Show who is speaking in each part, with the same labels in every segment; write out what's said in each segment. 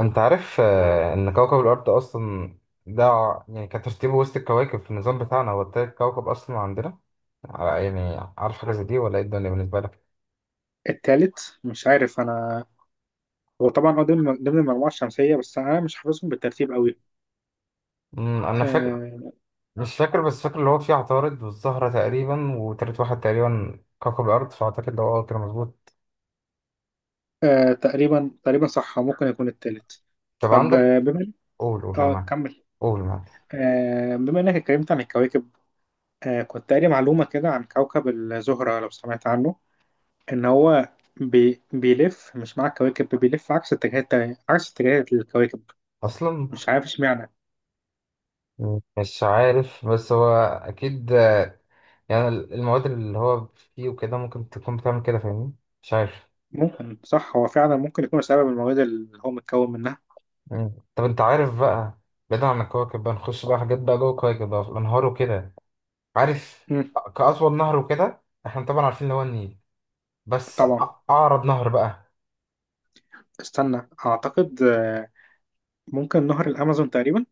Speaker 1: انت عارف ان كوكب الارض اصلا ده يعني كان ترتيبه وسط الكواكب في النظام بتاعنا، هو تالت كوكب اصلا عندنا. يعني عارف حاجه زي دي ولا ايه الدنيا بالنسبه لك؟
Speaker 2: التالت مش عارف انا. هو طبعا هو ضمن المجموعه الشمسيه، بس انا مش حافظهم بالترتيب قوي.
Speaker 1: انا فاكر.
Speaker 2: آه.
Speaker 1: مش فاكر بس فاكر اللي هو فيه عطارد والزهره تقريبا، وتالت واحد تقريبا كوكب الارض، فاعتقد ده هو كده مظبوط.
Speaker 2: آه، تقريبا تقريبا صح، ممكن يكون التالت.
Speaker 1: طب
Speaker 2: طب
Speaker 1: عندك،
Speaker 2: بما...
Speaker 1: قول قول انا
Speaker 2: اه،
Speaker 1: معاك.
Speaker 2: كمل.
Speaker 1: قول معاك.
Speaker 2: آه، بما انك اتكلمت عن الكواكب، آه كنت قاري معلومه كده عن كوكب الزهره، لو سمعت عنه، ان هو بيلف، مش مع الكواكب، بيلف عكس اتجاهات الكواكب.
Speaker 1: اصلا
Speaker 2: مش عارف اشمعنى.
Speaker 1: مش عارف بس هو اكيد. يعني المواد اللي هو فيه وكده ممكن تكون بتعمل كده، فاهمني؟ مش عارف.
Speaker 2: ممكن صح، هو فعلا ممكن يكون بسبب المواد اللي هو متكون منها.
Speaker 1: مم. طب انت عارف بقى، بعيدا عن الكواكب بقى نخش بقى حاجات بقى جوه الكواكب بقى، في الانهار وكده. عارف
Speaker 2: مم.
Speaker 1: كأطول نهر وكده، احنا طبعا عارفين اللي هو النيل. بس
Speaker 2: طبعا.
Speaker 1: أعرض نهر بقى؟
Speaker 2: استنى اعتقد، ممكن نهر الامازون تقريبا.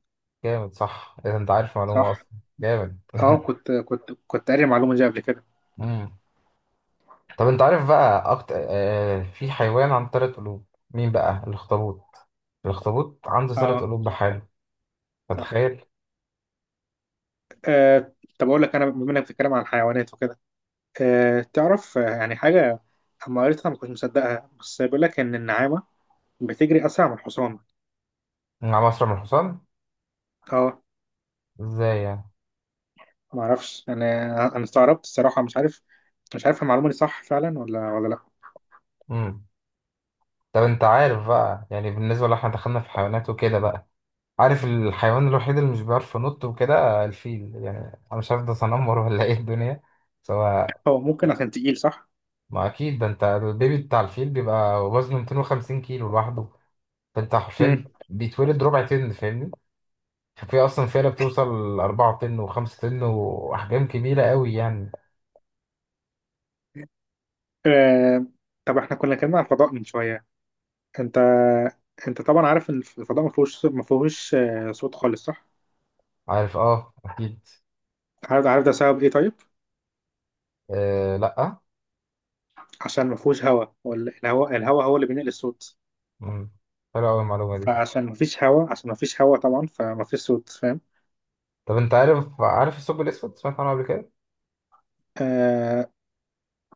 Speaker 1: جامد صح اذا انت عارف
Speaker 2: صح.
Speaker 1: معلومة اصلا. جامد
Speaker 2: اه، كنت قاري المعلومه دي قبل كده.
Speaker 1: مم. طب انت عارف بقى أكتر، في حيوان عنده تلات قلوب؟ مين بقى؟ الاخطبوط. الاخطبوط عنده تلات
Speaker 2: اه،
Speaker 1: قلوب
Speaker 2: صح
Speaker 1: بحاله،
Speaker 2: صح.
Speaker 1: فتخيل.
Speaker 2: آه. طب اقول لك انا، بما انك بتتكلم عن الحيوانات وكده، آه تعرف، يعني حاجه اما قريتها ما كنتش مصدقها، بس بيقول لك ان النعامه بتجري اسرع من الحصان.
Speaker 1: مع مصر من الحصان؟
Speaker 2: اه.
Speaker 1: ازاي يعني؟
Speaker 2: ما اعرفش انا، انا استغربت الصراحه، مش عارف. مش عارف المعلومه دي صح فعلا ولا لا.
Speaker 1: مم. طب انت عارف بقى، يعني بالنسبة لو احنا دخلنا في حيوانات وكده بقى، عارف الحيوان الوحيد اللي مش بيعرف ينط وكده؟ الفيل يعني. انا مش عارف ده تنمر ولا ايه الدنيا، سواء.
Speaker 2: هو ممكن عشان تقيل، صح.
Speaker 1: ما اكيد ده، انت البيبي بتاع الفيل بيبقى وزنه 250 كيلو لوحده. فانت
Speaker 2: امم.
Speaker 1: حرفيا بيتولد ربع طن، فاهمني؟ ففي اصلا فيلة بتوصل 4 طن و5 طن واحجام كبيره قوي يعني.
Speaker 2: آه، طب احنا كنا عن الفضاء من شويه. انت انت طبعا عارف ان الفضاء ما فيهوش صوت خالص، صح.
Speaker 1: عارف، اه اكيد.
Speaker 2: عارف ده سبب ايه، طيب.
Speaker 1: آه لا.
Speaker 2: عشان ما فيهوش هواء، ولا الهواء هو اللي بينقل الصوت.
Speaker 1: مم. حلوه قوي المعلومه دي.
Speaker 2: فعشان ما فيش هواء عشان ما فيش هواء طبعا، فما فيش صوت، فاهم.
Speaker 1: طب انت عارف عارف الثقب الاسود، سمعت عنه قبل كده؟
Speaker 2: آه،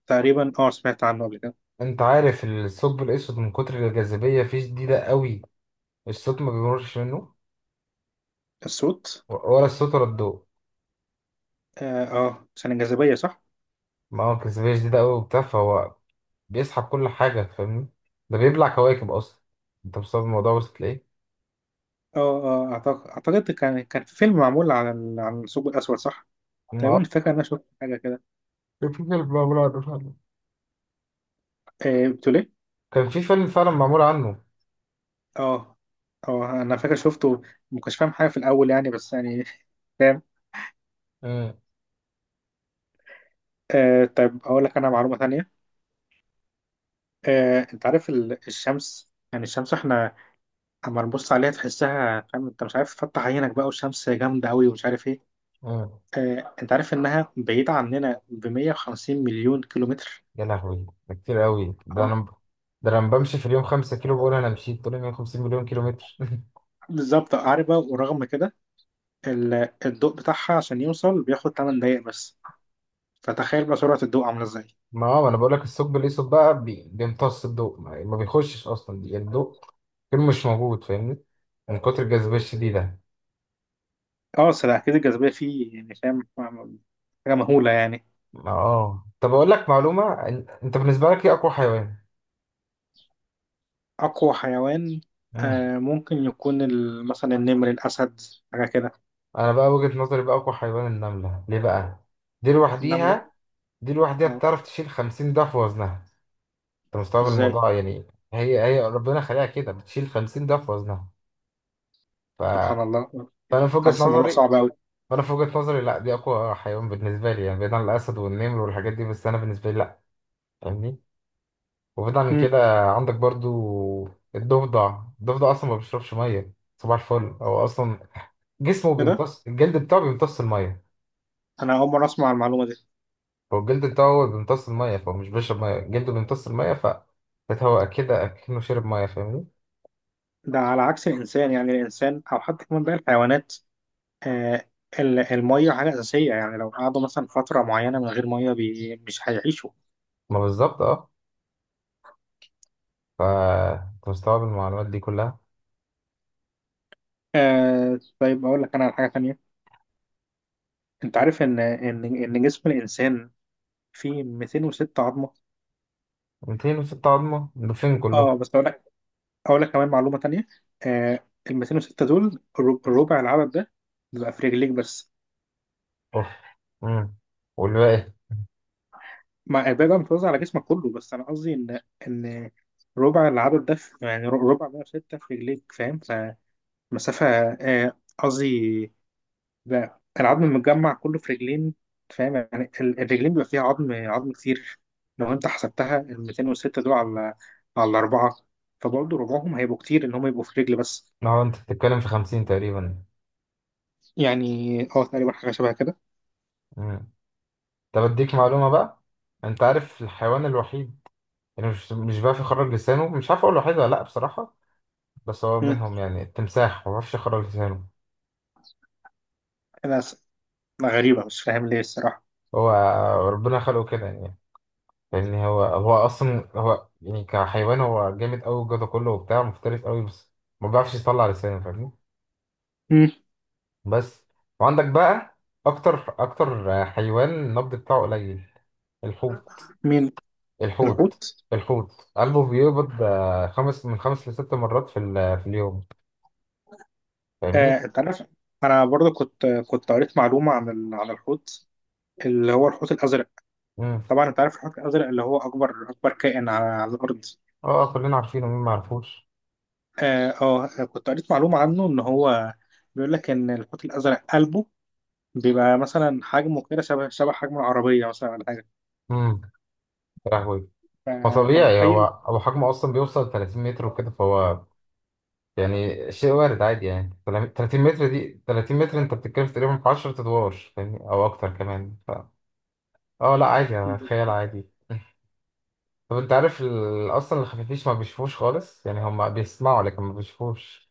Speaker 2: تقريبا اه سمعت عنه قبل كده.
Speaker 1: انت عارف الثقب الاسود من كتر الجاذبيه فيه شديده قوي، الصوت ما بيمرش منه،
Speaker 2: الصوت.
Speaker 1: ولا الصوت ولا الضوء.
Speaker 2: اه، عشان الجاذبية صح.
Speaker 1: ما هو الجاذبية شديدة أوي وبتاع، فهو بيسحب كل حاجة فاهمني. ده بيبلع كواكب أصلا. أنت مستوعب الموضوع، وصلت لإيه؟
Speaker 2: اه، اه، اعتقد كان في فيلم معمول عن عن الثقب الاسود، صح. تقريبا
Speaker 1: آه.
Speaker 2: فاكر ان انا شفت حاجة كده.
Speaker 1: كان في فيلم معمول عنه فعلا.
Speaker 2: آه، بتقول ايه؟
Speaker 1: كان في فيلم فعلا معمول عنه.
Speaker 2: اه، اه انا فاكر شفته. ما كنتش فاهم حاجه في الاول يعني، بس يعني فاهم.
Speaker 1: مم.
Speaker 2: آه، طيب اقول لك انا معلومه ثانيه. آه، انت عارف الشمس، يعني الشمس احنا اما نبص عليها تحسها فاهم، انت مش عارف تفتح عينك بقى والشمس جامده قوي ومش عارف ايه.
Speaker 1: مم.
Speaker 2: آه، انت عارف انها بعيده عننا ب 150 مليون كيلومتر.
Speaker 1: يا لهوي ده كتير أوي. ده
Speaker 2: اه،
Speaker 1: أنا، ده أنا بمشي في اليوم خمسة كيلو، بقول أنا مشيت طول 150 مليون كيلو متر
Speaker 2: بالظبط. عارف بقى، ورغم كده الضوء بتاعها عشان يوصل بياخد 8 دقايق بس. فتخيل بقى سرعه الضوء عامله ازاي.
Speaker 1: ما هو أنا بقول لك الثقب الأسود بقى بيمتص الضوء، ما بيخشش أصلا يعني الضوء كله مش موجود فاهمني، من كتر الجاذبية الشديدة.
Speaker 2: اه، أصل أكيد الجاذبية فيه يعني فاهم، حاجة مهولة يعني.
Speaker 1: اه طب اقول لك معلومه، انت بالنسبه لك ايه اقوى حيوان؟
Speaker 2: أقوى حيوان؟
Speaker 1: مم.
Speaker 2: آه، ممكن يكون مثلا النمر، الأسد، حاجة كده.
Speaker 1: انا بقى وجهه نظري بقى اقوى حيوان النمله، ليه بقى؟ دي
Speaker 2: النملة؟
Speaker 1: لوحديها، دي لوحديها
Speaker 2: اه.
Speaker 1: بتعرف تشيل 50 ضعف وزنها. انت مستوعب
Speaker 2: ازاي؟
Speaker 1: الموضوع يعني؟ هي ربنا خلقها كده، بتشيل 50 ضعف وزنها. ف...
Speaker 2: سبحان الله.
Speaker 1: فانا في وجهه
Speaker 2: حاسس الموضوع
Speaker 1: نظري،
Speaker 2: صعب أوي.
Speaker 1: فانا في وجهه نظري لا دي اقوى حيوان بالنسبه لي يعني، بعيد عن الاسد والنمر والحاجات دي، بس انا بالنسبه لي لا. فاهمني؟ وبعيد عن
Speaker 2: مم.
Speaker 1: كده، عندك برضو الضفدع. الضفدع اصلا ما بيشربش ميه، صباح الفل. هو اصلا جسمه
Speaker 2: ايه ده؟
Speaker 1: بيمتص، الجلد بتاعه بيمتص الميه.
Speaker 2: أنا أول مرة أسمع المعلومة دي.
Speaker 1: هو الجلد بتاعه هو اللي بيمتص الميه، فهو مش بيشرب ميه، جلده بيمتص الميه، ف بتهوى كده اكنه شرب ميه فاهمني.
Speaker 2: ده على عكس الإنسان، يعني الإنسان أو حتى كمان باقي الحيوانات، آه المية حاجة أساسية، يعني لو قعدوا مثلا فترة معينة من غير مية مش هيعيشوا.
Speaker 1: ما بالظبط اه. ف أنت مستوعب المعلومات دي كلها.
Speaker 2: آه، طيب أقول لك أنا على حاجة تانية. أنت عارف إن جسم الإنسان في 206 عظمه؟
Speaker 1: 206 عظمه ده فين كله؟
Speaker 2: اه، بس اقول لك، كمان معلومه تانية. آه، ال 206 دول الربع العدد ده بيبقى في رجليك بس.
Speaker 1: اوف. امم. والباقي؟
Speaker 2: مع الباقي بقى متوزع على جسمك كله، بس انا قصدي ان ربع العدد ده يعني ربع 106 في رجليك، فاهم، فمسافه... قصدي بقى العظم المتجمع كله في رجلين، فاهم، يعني الرجلين بيبقى فيها عظم كتير. لو انت حسبتها ال 206 دول على اربعه، فبرضه ربعهم هيبقوا كتير ان هم يبقوا في رجل بس،
Speaker 1: ما هو انت بتتكلم في 50 تقريبا.
Speaker 2: يعني. اه، تقريبا حاجة شبه كده.
Speaker 1: امم. طب اديك معلومه بقى، انت عارف الحيوان الوحيد، يعني مش بيعرف يخرج لسانه، مش عارف اقول له حاجه ولا لا بصراحه، بس هو
Speaker 2: مم.
Speaker 1: منهم يعني التمساح، ما بيعرفش يخرج لسانه.
Speaker 2: أنا س- غريبة مش فاهم ليه الصراحة.
Speaker 1: هو ربنا خلقه كده يعني، فاهمني. هو اصلا هو يعني كحيوان هو جامد قوي الجدع كله وبتاع، مفترس قوي بس ما بيعرفش يطلع لسانه فاهمني.
Speaker 2: مم.
Speaker 1: بس. وعندك بقى اكتر اكتر حيوان النبض بتاعه قليل، الحوت.
Speaker 2: مين؟
Speaker 1: الحوت.
Speaker 2: الحوت.
Speaker 1: الحوت قلبه بيقبض خمس من خمس لست مرات في في اليوم، فاهمني.
Speaker 2: آه، أنت عارف، أنا برضه كنت قريت معلومة عن عن الحوت، اللي هو الحوت الأزرق.
Speaker 1: امم.
Speaker 2: طبعا أنت عارف الحوت الأزرق اللي هو أكبر أكبر كائن على الأرض.
Speaker 1: اه كلنا عارفينه، مين ما عرفوش؟
Speaker 2: آه، آه، كنت قريت معلومة عنه، إن هو بيقول لك إن الحوت الأزرق قلبه بيبقى مثلا حجمه كده، شبه حجم العربية مثلا ولا حاجة.
Speaker 1: يا لهوي. ما
Speaker 2: فأنت
Speaker 1: طبيعي، هو
Speaker 2: متخيل.
Speaker 1: هو حجمه اصلا بيوصل 30 متر وكده، فهو يعني شيء وارد عادي يعني. 30 متر دي، 30 متر انت بتتكلم في تقريبا في 10 ادوار فاهمني، او اكتر كمان اه لا عادي، اتخيل
Speaker 2: بالظبط؟
Speaker 1: عادي. طب انت عارف اصلا الخفافيش ما بيشوفوش خالص يعني، هم بيسمعوا لكن ما بيشوفوش.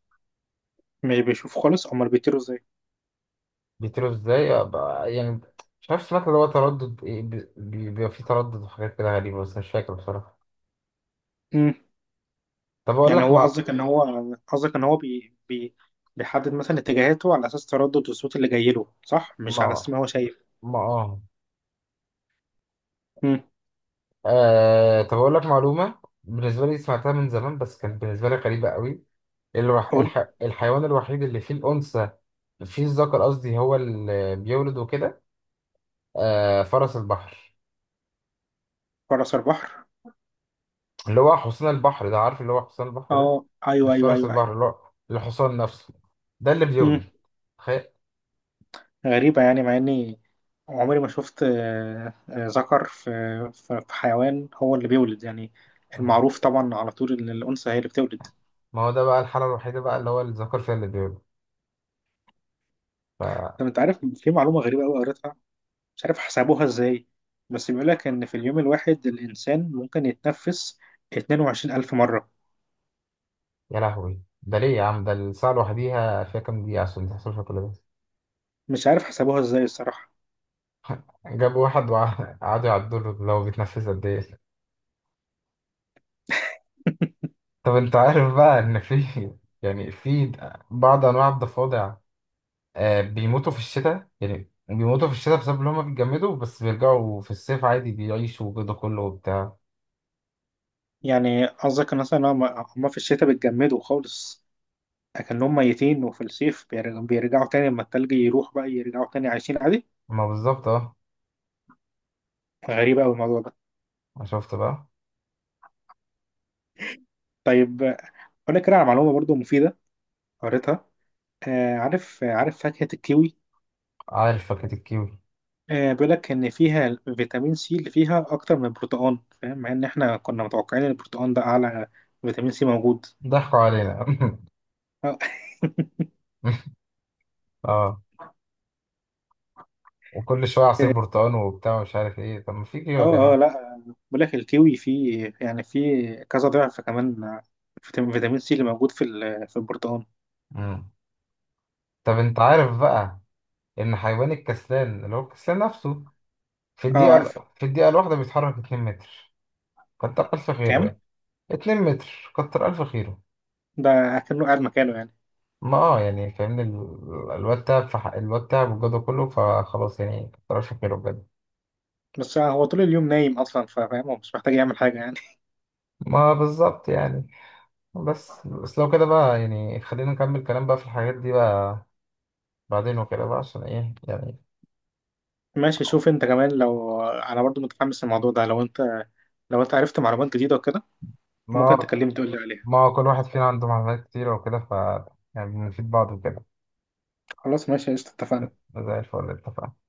Speaker 2: مش بيشوف خالص، أمال بيطيروا.
Speaker 1: بيطيروا ازاي يعني؟ مش عارف، سمعت اللي هو تردد ايه، بيبقى فيه تردد وحاجات كده غريبة بس مش فاكر بصراحة.
Speaker 2: إزاي؟
Speaker 1: طب اقول
Speaker 2: يعني
Speaker 1: لك،
Speaker 2: هو قصدك ان هو، بيحدد مثلا اتجاهاته على اساس تردد الصوت اللي جاي له، صح، مش على اساس
Speaker 1: ما
Speaker 2: ما هو شايف.
Speaker 1: ما اه.
Speaker 2: امم.
Speaker 1: آه طب أقول لك معلومة بالنسبة لي سمعتها من زمان بس كانت بالنسبة لي غريبة قوي.
Speaker 2: قول.
Speaker 1: الحيوان الوحيد اللي فيه الأنثى، فيه الذكر قصدي هو اللي بيولد وكده، آه فرس البحر.
Speaker 2: فرس البحر.
Speaker 1: اللي هو حصان البحر ده، عارف اللي هو حصان البحر ده،
Speaker 2: اه، ايوه
Speaker 1: مش
Speaker 2: ايوه
Speaker 1: فرس
Speaker 2: ايوه
Speaker 1: البحر
Speaker 2: ايوه.
Speaker 1: اللي هو الحصان نفسه، ده اللي
Speaker 2: امم.
Speaker 1: بيولد، تخيل.
Speaker 2: غريبه يعني، مع اني عمري ما شفت، ذكر في في حيوان هو اللي بيولد، يعني المعروف طبعا على طول ان الانثى هي اللي بتولد.
Speaker 1: ما هو ده بقى الحالة الوحيدة بقى اللي هو الذكر فيها اللي بيولد، ف
Speaker 2: طب انت عارف في معلومه غريبه قوي قريتها، مش عارف حسبوها ازاي، بس بيقول لك ان في اليوم الواحد الانسان ممكن يتنفس 22,000 مره.
Speaker 1: يا لهوي ده ليه يا عم، ده الساعة لوحديها فيها كام دقيقة عشان تحصل فيها كل ده.
Speaker 2: مش عارف حسبوها ازاي الصراحة.
Speaker 1: جابوا واحد وقعدوا يعدوا له لو بيتنفس قد ايه. طب انت عارف بقى ان في يعني في بعض انواع الضفادع، بيموتوا في الشتاء، يعني بيموتوا في الشتاء بسبب ان هم بيتجمدوا، بس بيرجعوا في الصيف عادي، بيعيشوا وجوده كله وبتاع.
Speaker 2: يعني قصدك مثلا هم في الشتاء بيتجمدوا خالص أكنهم ميتين، وفي الصيف بيرجعوا تاني، لما التلج يروح بقى يرجعوا تاني عايشين عادي.
Speaker 1: ما بالظبط اه.
Speaker 2: غريبة أوي الموضوع ده.
Speaker 1: ما شفت بقى.
Speaker 2: طيب أقول لك كده على معلومة برضو مفيدة، قريتها. آه، عارف فاكهة الكيوي؟
Speaker 1: عارف فاكهة الكيوي؟
Speaker 2: آه، بيقول لك إن فيها فيتامين سي اللي فيها أكتر من البرتقال، فاهم، مع إن إحنا كنا متوقعين إن البرتقال ده أعلى فيتامين سي موجود.
Speaker 1: ضحكوا علينا اه، وكل شوية عصير برتقال وبتاع، مش عارف ايه، طب ما في كيوي يا
Speaker 2: اه، اه،
Speaker 1: جماعة.
Speaker 2: لا، بقول لك الكيوي فيه، يعني فيه كذا ضعف كمان فيتامين سي اللي موجود في في البرتقال.
Speaker 1: مم. طب انت عارف بقى ان حيوان الكسلان اللي هو الكسلان نفسه، في
Speaker 2: اه، عارف.
Speaker 1: الدقيقة، في الدقيقة الواحدة بيتحرك 2 متر. كتر ألف خيره
Speaker 2: كام؟
Speaker 1: يعني. 2 متر، كتر ألف خيره.
Speaker 2: ده كأنه قاعد مكانه يعني.
Speaker 1: ما اه يعني فاهمني، الواد تعب، في حق الواد تعب والجو كله، فخلاص يعني كتر ألف خيره بجد.
Speaker 2: بس هو طول اليوم نايم اصلا، فاهم، هو مش محتاج يعمل حاجه يعني.
Speaker 1: ما بالظبط يعني. بس لو كده بقى يعني خلينا نكمل كلام بقى في الحاجات دي بقى، بعدين وكده بقى عشان ايه يعني.
Speaker 2: ماشي، شوف انت كمان، لو انا برضو متحمس للموضوع ده، لو انت عرفت معلومات جديده وكده، ممكن
Speaker 1: ما
Speaker 2: تكلمني تقول لي عليها.
Speaker 1: ما كل واحد فينا عنده معلومات كتير وكده، ف يعني بنفيد بعض وكده.
Speaker 2: خلاص، ماشي قشطه، اتفقنا.
Speaker 1: زي الفل، اتفقنا.